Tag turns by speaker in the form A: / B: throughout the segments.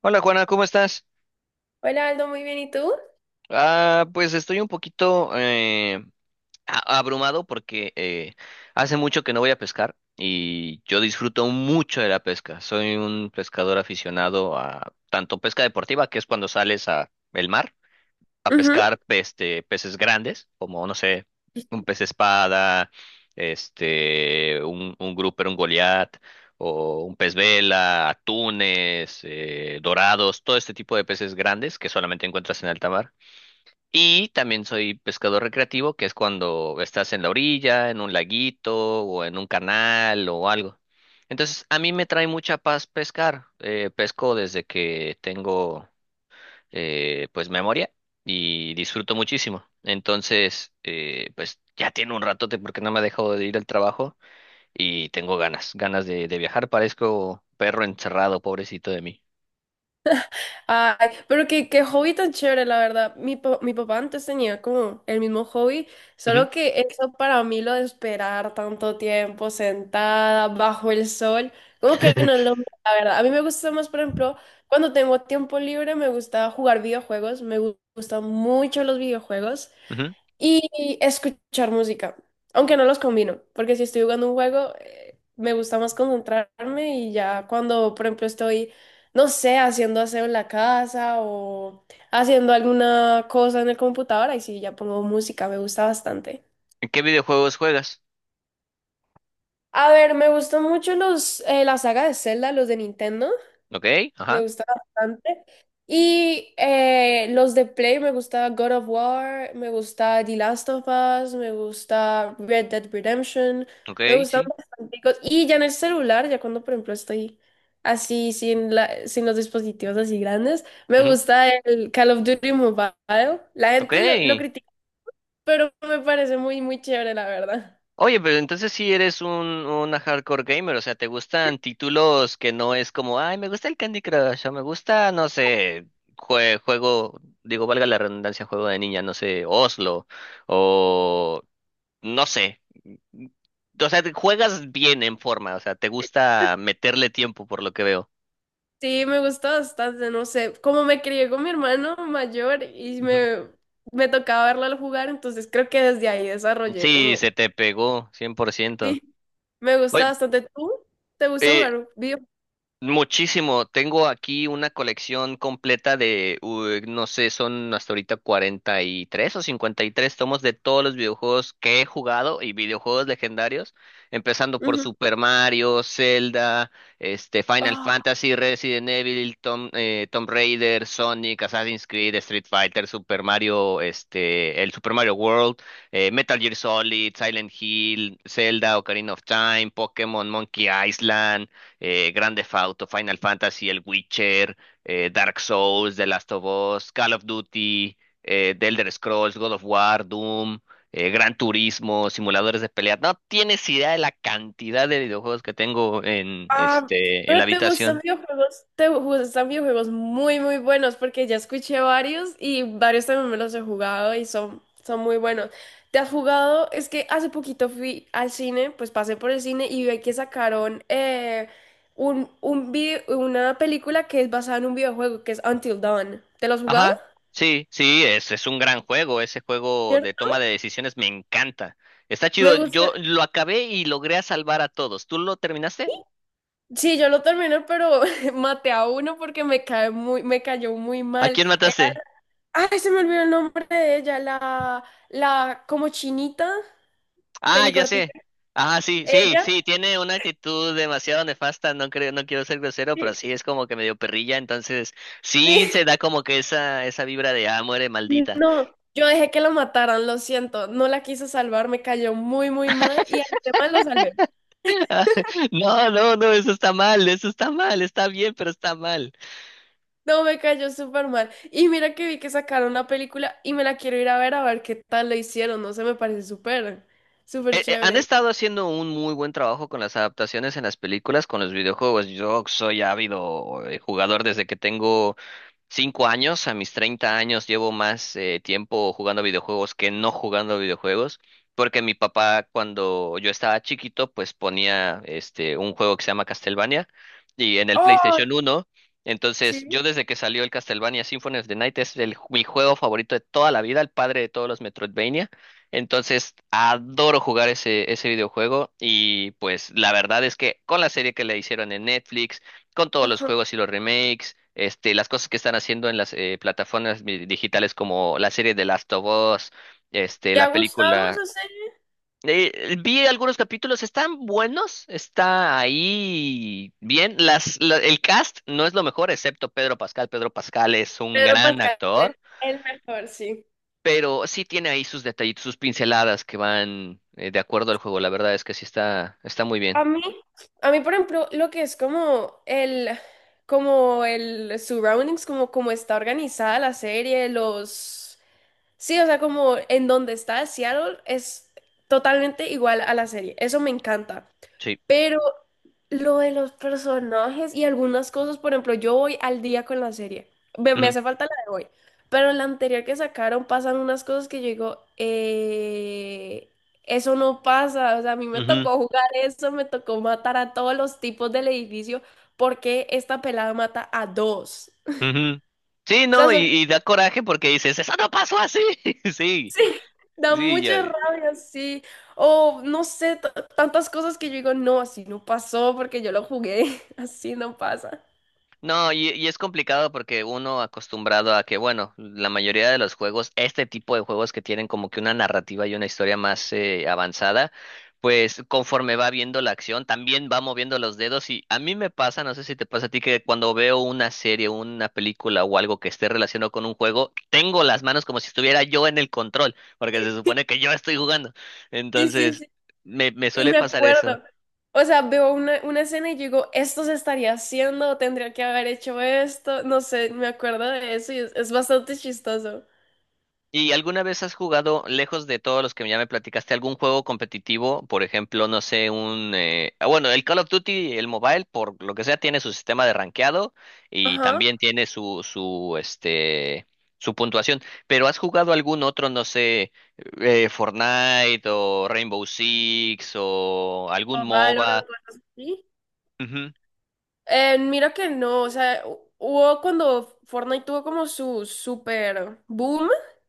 A: Hola Juana, ¿cómo estás?
B: Hola Aldo, muy bien, ¿y tú?
A: Ah, pues estoy un poquito abrumado porque hace mucho que no voy a pescar y yo disfruto mucho de la pesca. Soy un pescador aficionado a tanto pesca deportiva, que es cuando sales a el mar, a
B: Ujú.
A: pescar peces grandes, como, no sé, un pez espada, un grouper, un goliat, o un pez vela, atunes, dorados, todo este tipo de peces grandes que solamente encuentras en alta mar. Y también soy pescador recreativo, que es cuando estás en la orilla, en un laguito, o en un canal, o algo. Entonces, a mí me trae mucha paz pescar. Pesco desde que tengo pues memoria y disfruto muchísimo. Entonces, pues ya tiene un ratote porque no me ha dejado de ir al trabajo y tengo ganas, ganas de viajar. Parezco perro encerrado, pobrecito de mí.
B: Ay, pero qué hobby tan chévere, la verdad. Mi papá antes tenía como el mismo hobby,
A: Ujú,
B: solo que eso para mí lo de esperar tanto tiempo sentada bajo el sol, como que no es lo mío, la verdad. A mí me gusta más, por ejemplo, cuando tengo tiempo libre, me gusta jugar videojuegos, gustan mucho los videojuegos.
A: ujú.
B: Y escuchar música, aunque no los combino, porque si estoy jugando un juego, me gusta más concentrarme y ya cuando, por ejemplo, estoy, no sé, haciendo aseo en la casa o haciendo alguna cosa en el computador, ahí sí ya pongo música, me gusta bastante.
A: ¿En qué videojuegos juegas?
B: A ver, me gustan mucho la saga de Zelda, los de Nintendo.
A: Ok,
B: Me
A: ajá,
B: gusta bastante. Y los de Play, me gusta God of War, me gusta The Last of Us, me gusta Red Dead Redemption,
A: ok,
B: me gustan
A: sí,
B: bastante. Y ya en el celular, ya cuando por ejemplo estoy así sin los dispositivos así grandes, me
A: ujú,
B: gusta el Call of Duty Mobile. La
A: ok.
B: gente lo critica, pero me parece muy chévere, la verdad.
A: Oye, pero entonces sí eres un hardcore gamer, o sea, ¿te gustan títulos que no es como, ay, me gusta el Candy Crush, o me gusta, no sé, juego, digo, valga la redundancia, juego de niña, no sé, Oslo, o no sé, o sea, juegas bien en forma, o sea, te gusta meterle tiempo por lo que veo.
B: Sí, me gusta bastante, no sé, como me crié con mi hermano mayor y
A: Ujú.
B: me tocaba verlo al jugar, entonces creo que desde ahí desarrollé
A: Sí,
B: como,
A: se te pegó, 100%.
B: sí, me gusta
A: Oye,
B: bastante. ¿Tú? ¿Te gusta
A: eh,
B: jugar video?
A: muchísimo. Tengo aquí una colección completa de, no sé, son hasta ahorita 43 o 53 tomos de todos los videojuegos que he jugado y videojuegos legendarios, empezando por
B: Ujú.
A: Super Mario, Zelda, Final Fantasy, Resident Evil, Tom, Tomb Raider, Sonic, Assassin's Creed, Street Fighter, Super Mario, el Super Mario World, Metal Gear Solid, Silent Hill, Zelda, Ocarina of Time, Pokémon, Monkey Island, Grand Theft Auto, Final Fantasy, El Witcher, Dark Souls, The Last of Us, Call of Duty, The Elder Scrolls, God of War, Doom, Gran Turismo, simuladores de pelea. No tienes idea de la cantidad de videojuegos que tengo en,
B: Ah,
A: en la
B: pero
A: habitación.
B: te gustan videojuegos muy buenos, porque ya escuché varios y varios también me los he jugado y son muy buenos. ¿Te has jugado? Es que hace poquito fui al cine, pues pasé por el cine y vi que sacaron una película que es basada en un videojuego que es Until Dawn. ¿Te lo has jugado?
A: Ajá, sí, sí, es un gran juego. Ese juego
B: ¿Cierto?
A: de toma de decisiones me encanta. Está
B: Me
A: chido. Yo
B: gusta.
A: lo acabé y logré a salvar a todos. ¿Tú lo terminaste?
B: Sí, yo lo terminé, pero maté a uno porque me cayó muy
A: ¿A
B: mal.
A: quién mataste?
B: Ay, se me olvidó el nombre de ella, la como chinita,
A: Ah, ya
B: pelicortica.
A: sé. Ah, sí, sí,
B: Ella,
A: sí, tiene una actitud demasiado nefasta, no creo, no quiero ser grosero, pero
B: sí,
A: sí es como que medio perrilla, entonces sí se
B: sí,
A: da como que esa vibra de ah, muere maldita.
B: no, yo dejé que la mataran, lo siento, no la quise salvar, me cayó muy mal y a los demás lo salvé.
A: No, no, no, eso está mal, está bien, pero está mal.
B: No, me cayó súper mal. Y mira que vi que sacaron una película y me la quiero ir a ver qué tal lo hicieron, no sé, me parece súper, súper
A: Han
B: chévere.
A: estado haciendo un muy buen trabajo con las adaptaciones en las películas, con los videojuegos. Yo soy ávido jugador desde que tengo 5 años, a mis 30 años, llevo más tiempo jugando videojuegos que no jugando videojuegos, porque mi papá cuando yo estaba chiquito, pues ponía un juego que se llama Castlevania y en el
B: Oh,
A: PlayStation uno. Entonces,
B: sí,
A: yo desde que salió el Castlevania Symphony of the Night es el, mi juego favorito de toda la vida, el padre de todos los Metroidvania. Entonces, adoro jugar ese videojuego y pues la verdad es que con la serie que le hicieron en Netflix, con todos los
B: ajá.
A: juegos y los remakes, las cosas que están haciendo en las plataformas digitales como la serie de Last of Us,
B: ¿Te ha
A: la
B: gustado
A: película.
B: esa serie?
A: Vi algunos capítulos, están buenos, está ahí bien. El cast no es lo mejor, excepto Pedro Pascal. Pedro Pascal es un
B: Pedro
A: gran
B: Pascal es
A: actor,
B: el mejor, sí.
A: pero sí tiene ahí sus detallitos, sus pinceladas que van de acuerdo al juego. La verdad es que sí está, está muy bien.
B: A mí, por ejemplo, lo que es como como el surroundings, como está organizada sí, o sea, como en donde está Seattle es totalmente igual a la serie. Eso me encanta.
A: Sí.
B: Pero lo de los personajes y algunas cosas, por ejemplo, yo voy al día con la serie. Me
A: Ujú,
B: hace falta la de hoy. Pero en la anterior que sacaron pasan unas cosas que yo digo, eso no pasa. O sea, a mí me
A: ujú.
B: tocó jugar eso, me tocó matar a todos los tipos del edificio porque esta pelada mata a dos.
A: Ujú. Sí,
B: Sea,
A: no,
B: son-
A: y da coraje porque dices, eso no pasó así. Sí,
B: sí, da
A: sí, ya.
B: mucha rabia, sí. O no sé, t- Tantas cosas que yo digo, no, así no pasó porque yo lo jugué, así no pasa.
A: No, y es complicado porque uno acostumbrado a que, bueno, la mayoría de los juegos, este tipo de juegos que tienen como que una narrativa y una historia más avanzada, pues conforme va viendo la acción, también va moviendo los dedos y a mí me pasa, no sé si te pasa a ti, que cuando veo una serie, una película o algo que esté relacionado con un juego, tengo las manos como si estuviera yo en el control, porque se supone que yo estoy jugando.
B: Sí, sí,
A: Entonces,
B: sí.
A: me
B: Y
A: suele
B: me
A: pasar eso.
B: acuerdo. O sea, veo una escena y digo, esto se estaría haciendo, tendría que haber hecho esto. No sé, me acuerdo de eso y es bastante chistoso.
A: ¿Y alguna vez has jugado, lejos de todos los que ya me platicaste, algún juego competitivo? Por ejemplo, no sé, un... bueno, el Call of Duty, el mobile, por lo que sea, tiene su sistema de rankeado y
B: Ajá.
A: también tiene su puntuación. Pero ¿has jugado algún otro, no sé, Fortnite o Rainbow Six o algún
B: O
A: MOBA?
B: Valorant, o así.
A: Ujú,
B: Mira que no, o sea, hubo cuando Fortnite tuvo como su super boom,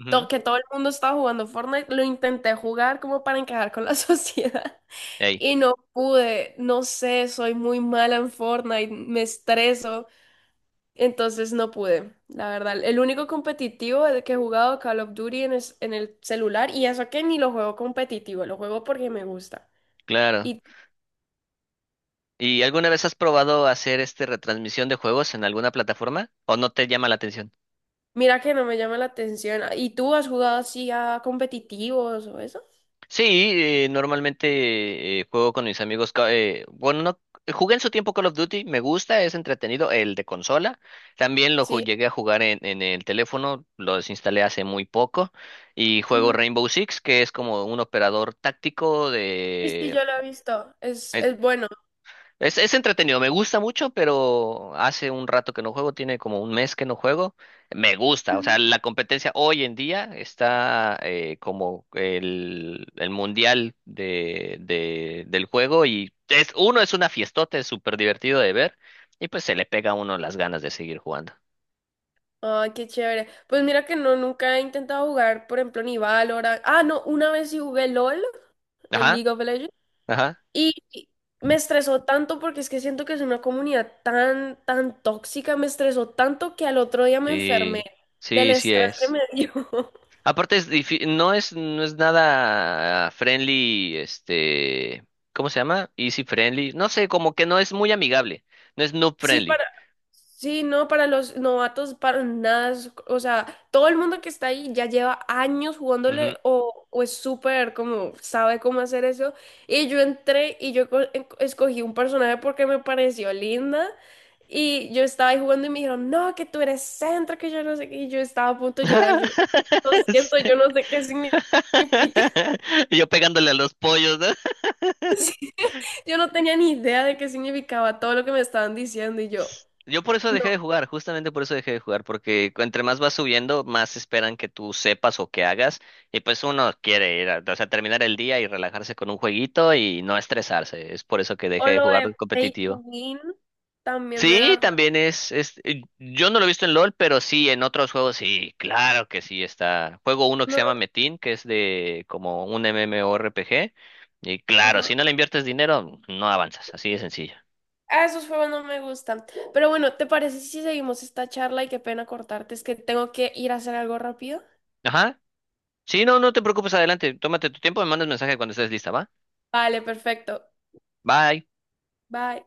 A: ujú.
B: que todo el mundo estaba jugando Fortnite, lo intenté jugar como para encajar con la sociedad
A: Ey,
B: y no pude, no sé, soy muy mala en Fortnite, me estreso. Entonces no pude, la verdad. El único competitivo de que he jugado Call of Duty en el celular, y eso que ni lo juego competitivo, lo juego porque me gusta.
A: claro.
B: Y
A: ¿Y alguna vez has probado hacer retransmisión de juegos en alguna plataforma? ¿O no te llama la atención?
B: mira que no me llama la atención. ¿Y tú has jugado así a competitivos o eso?
A: Sí, normalmente juego con mis amigos. Bueno, no, jugué en su tiempo Call of Duty, me gusta, es entretenido. El de consola, también
B: Sí.
A: llegué a jugar en el teléfono, lo desinstalé hace muy poco. Y juego
B: Ujú.
A: Rainbow Six, que es como un operador táctico
B: Sí, sí,
A: de,
B: yo lo he visto.
A: eh,
B: Es bueno.
A: es entretenido, me gusta mucho, pero hace un rato que no juego, tiene como un mes que no juego. Me gusta, o sea,
B: Ujú.
A: la competencia hoy en día está como el mundial del juego y es, uno es una fiestota, es súper divertido de ver y pues se le pega a uno las ganas de seguir jugando.
B: Ay, qué chévere. Pues mira que no, nunca he intentado jugar, por ejemplo, ni Valorant. Ah, no, una vez sí jugué LOL, el
A: Ajá,
B: League of Legends.
A: ajá.
B: Y me estresó tanto porque es que siento que es una comunidad tan tóxica, me estresó tanto que al otro día me enfermé
A: Sí,
B: del
A: sí, sí
B: estrés que
A: es.
B: me dio.
A: Aparte es no es nada friendly, ¿cómo se llama? Easy friendly, no sé, como que no es muy amigable, no es noob
B: Sí,
A: friendly.
B: para, sí, no, para los novatos, para nada, o sea, todo el mundo que está ahí ya lleva años
A: Ujú.
B: jugándole o es súper como, sabe cómo hacer eso. Y yo entré y yo escogí un personaje porque me pareció linda y yo estaba ahí jugando y me dijeron, no, que tú eres centro, que yo no sé qué, y yo estaba a punto de llorar, yo, lo siento, yo no sé qué significa.
A: Yo pegándole a los pollos, ¿no?
B: Yo no tenía ni idea de qué significaba todo lo que me estaban diciendo y yo,
A: Yo por eso dejé
B: no.
A: de jugar, justamente por eso dejé de jugar, porque entre más vas subiendo, más esperan que tú sepas o que hagas, y pues uno quiere ir a, o sea, terminar el día y relajarse con un jueguito y no estresarse, es por eso que dejé
B: O
A: de
B: lo
A: jugar
B: de Pay to
A: competitivo.
B: Win también me da
A: Sí,
B: rabia.
A: también es, yo no lo he visto en LOL, pero sí, en otros juegos sí, claro que sí está. Juego uno que se
B: No,
A: llama Metin, que es de como un MMORPG, y claro,
B: ajá.
A: si no le inviertes dinero, no avanzas, así de sencillo.
B: Ah, esos juegos no me gustan. Pero bueno, ¿te parece si seguimos esta charla? Y qué pena cortarte, es que tengo que ir a hacer algo rápido.
A: Ajá, sí, no, no te preocupes, adelante, tómate tu tiempo, me mandas mensaje cuando estés lista, ¿va?
B: Vale, perfecto.
A: Bye.
B: Bye.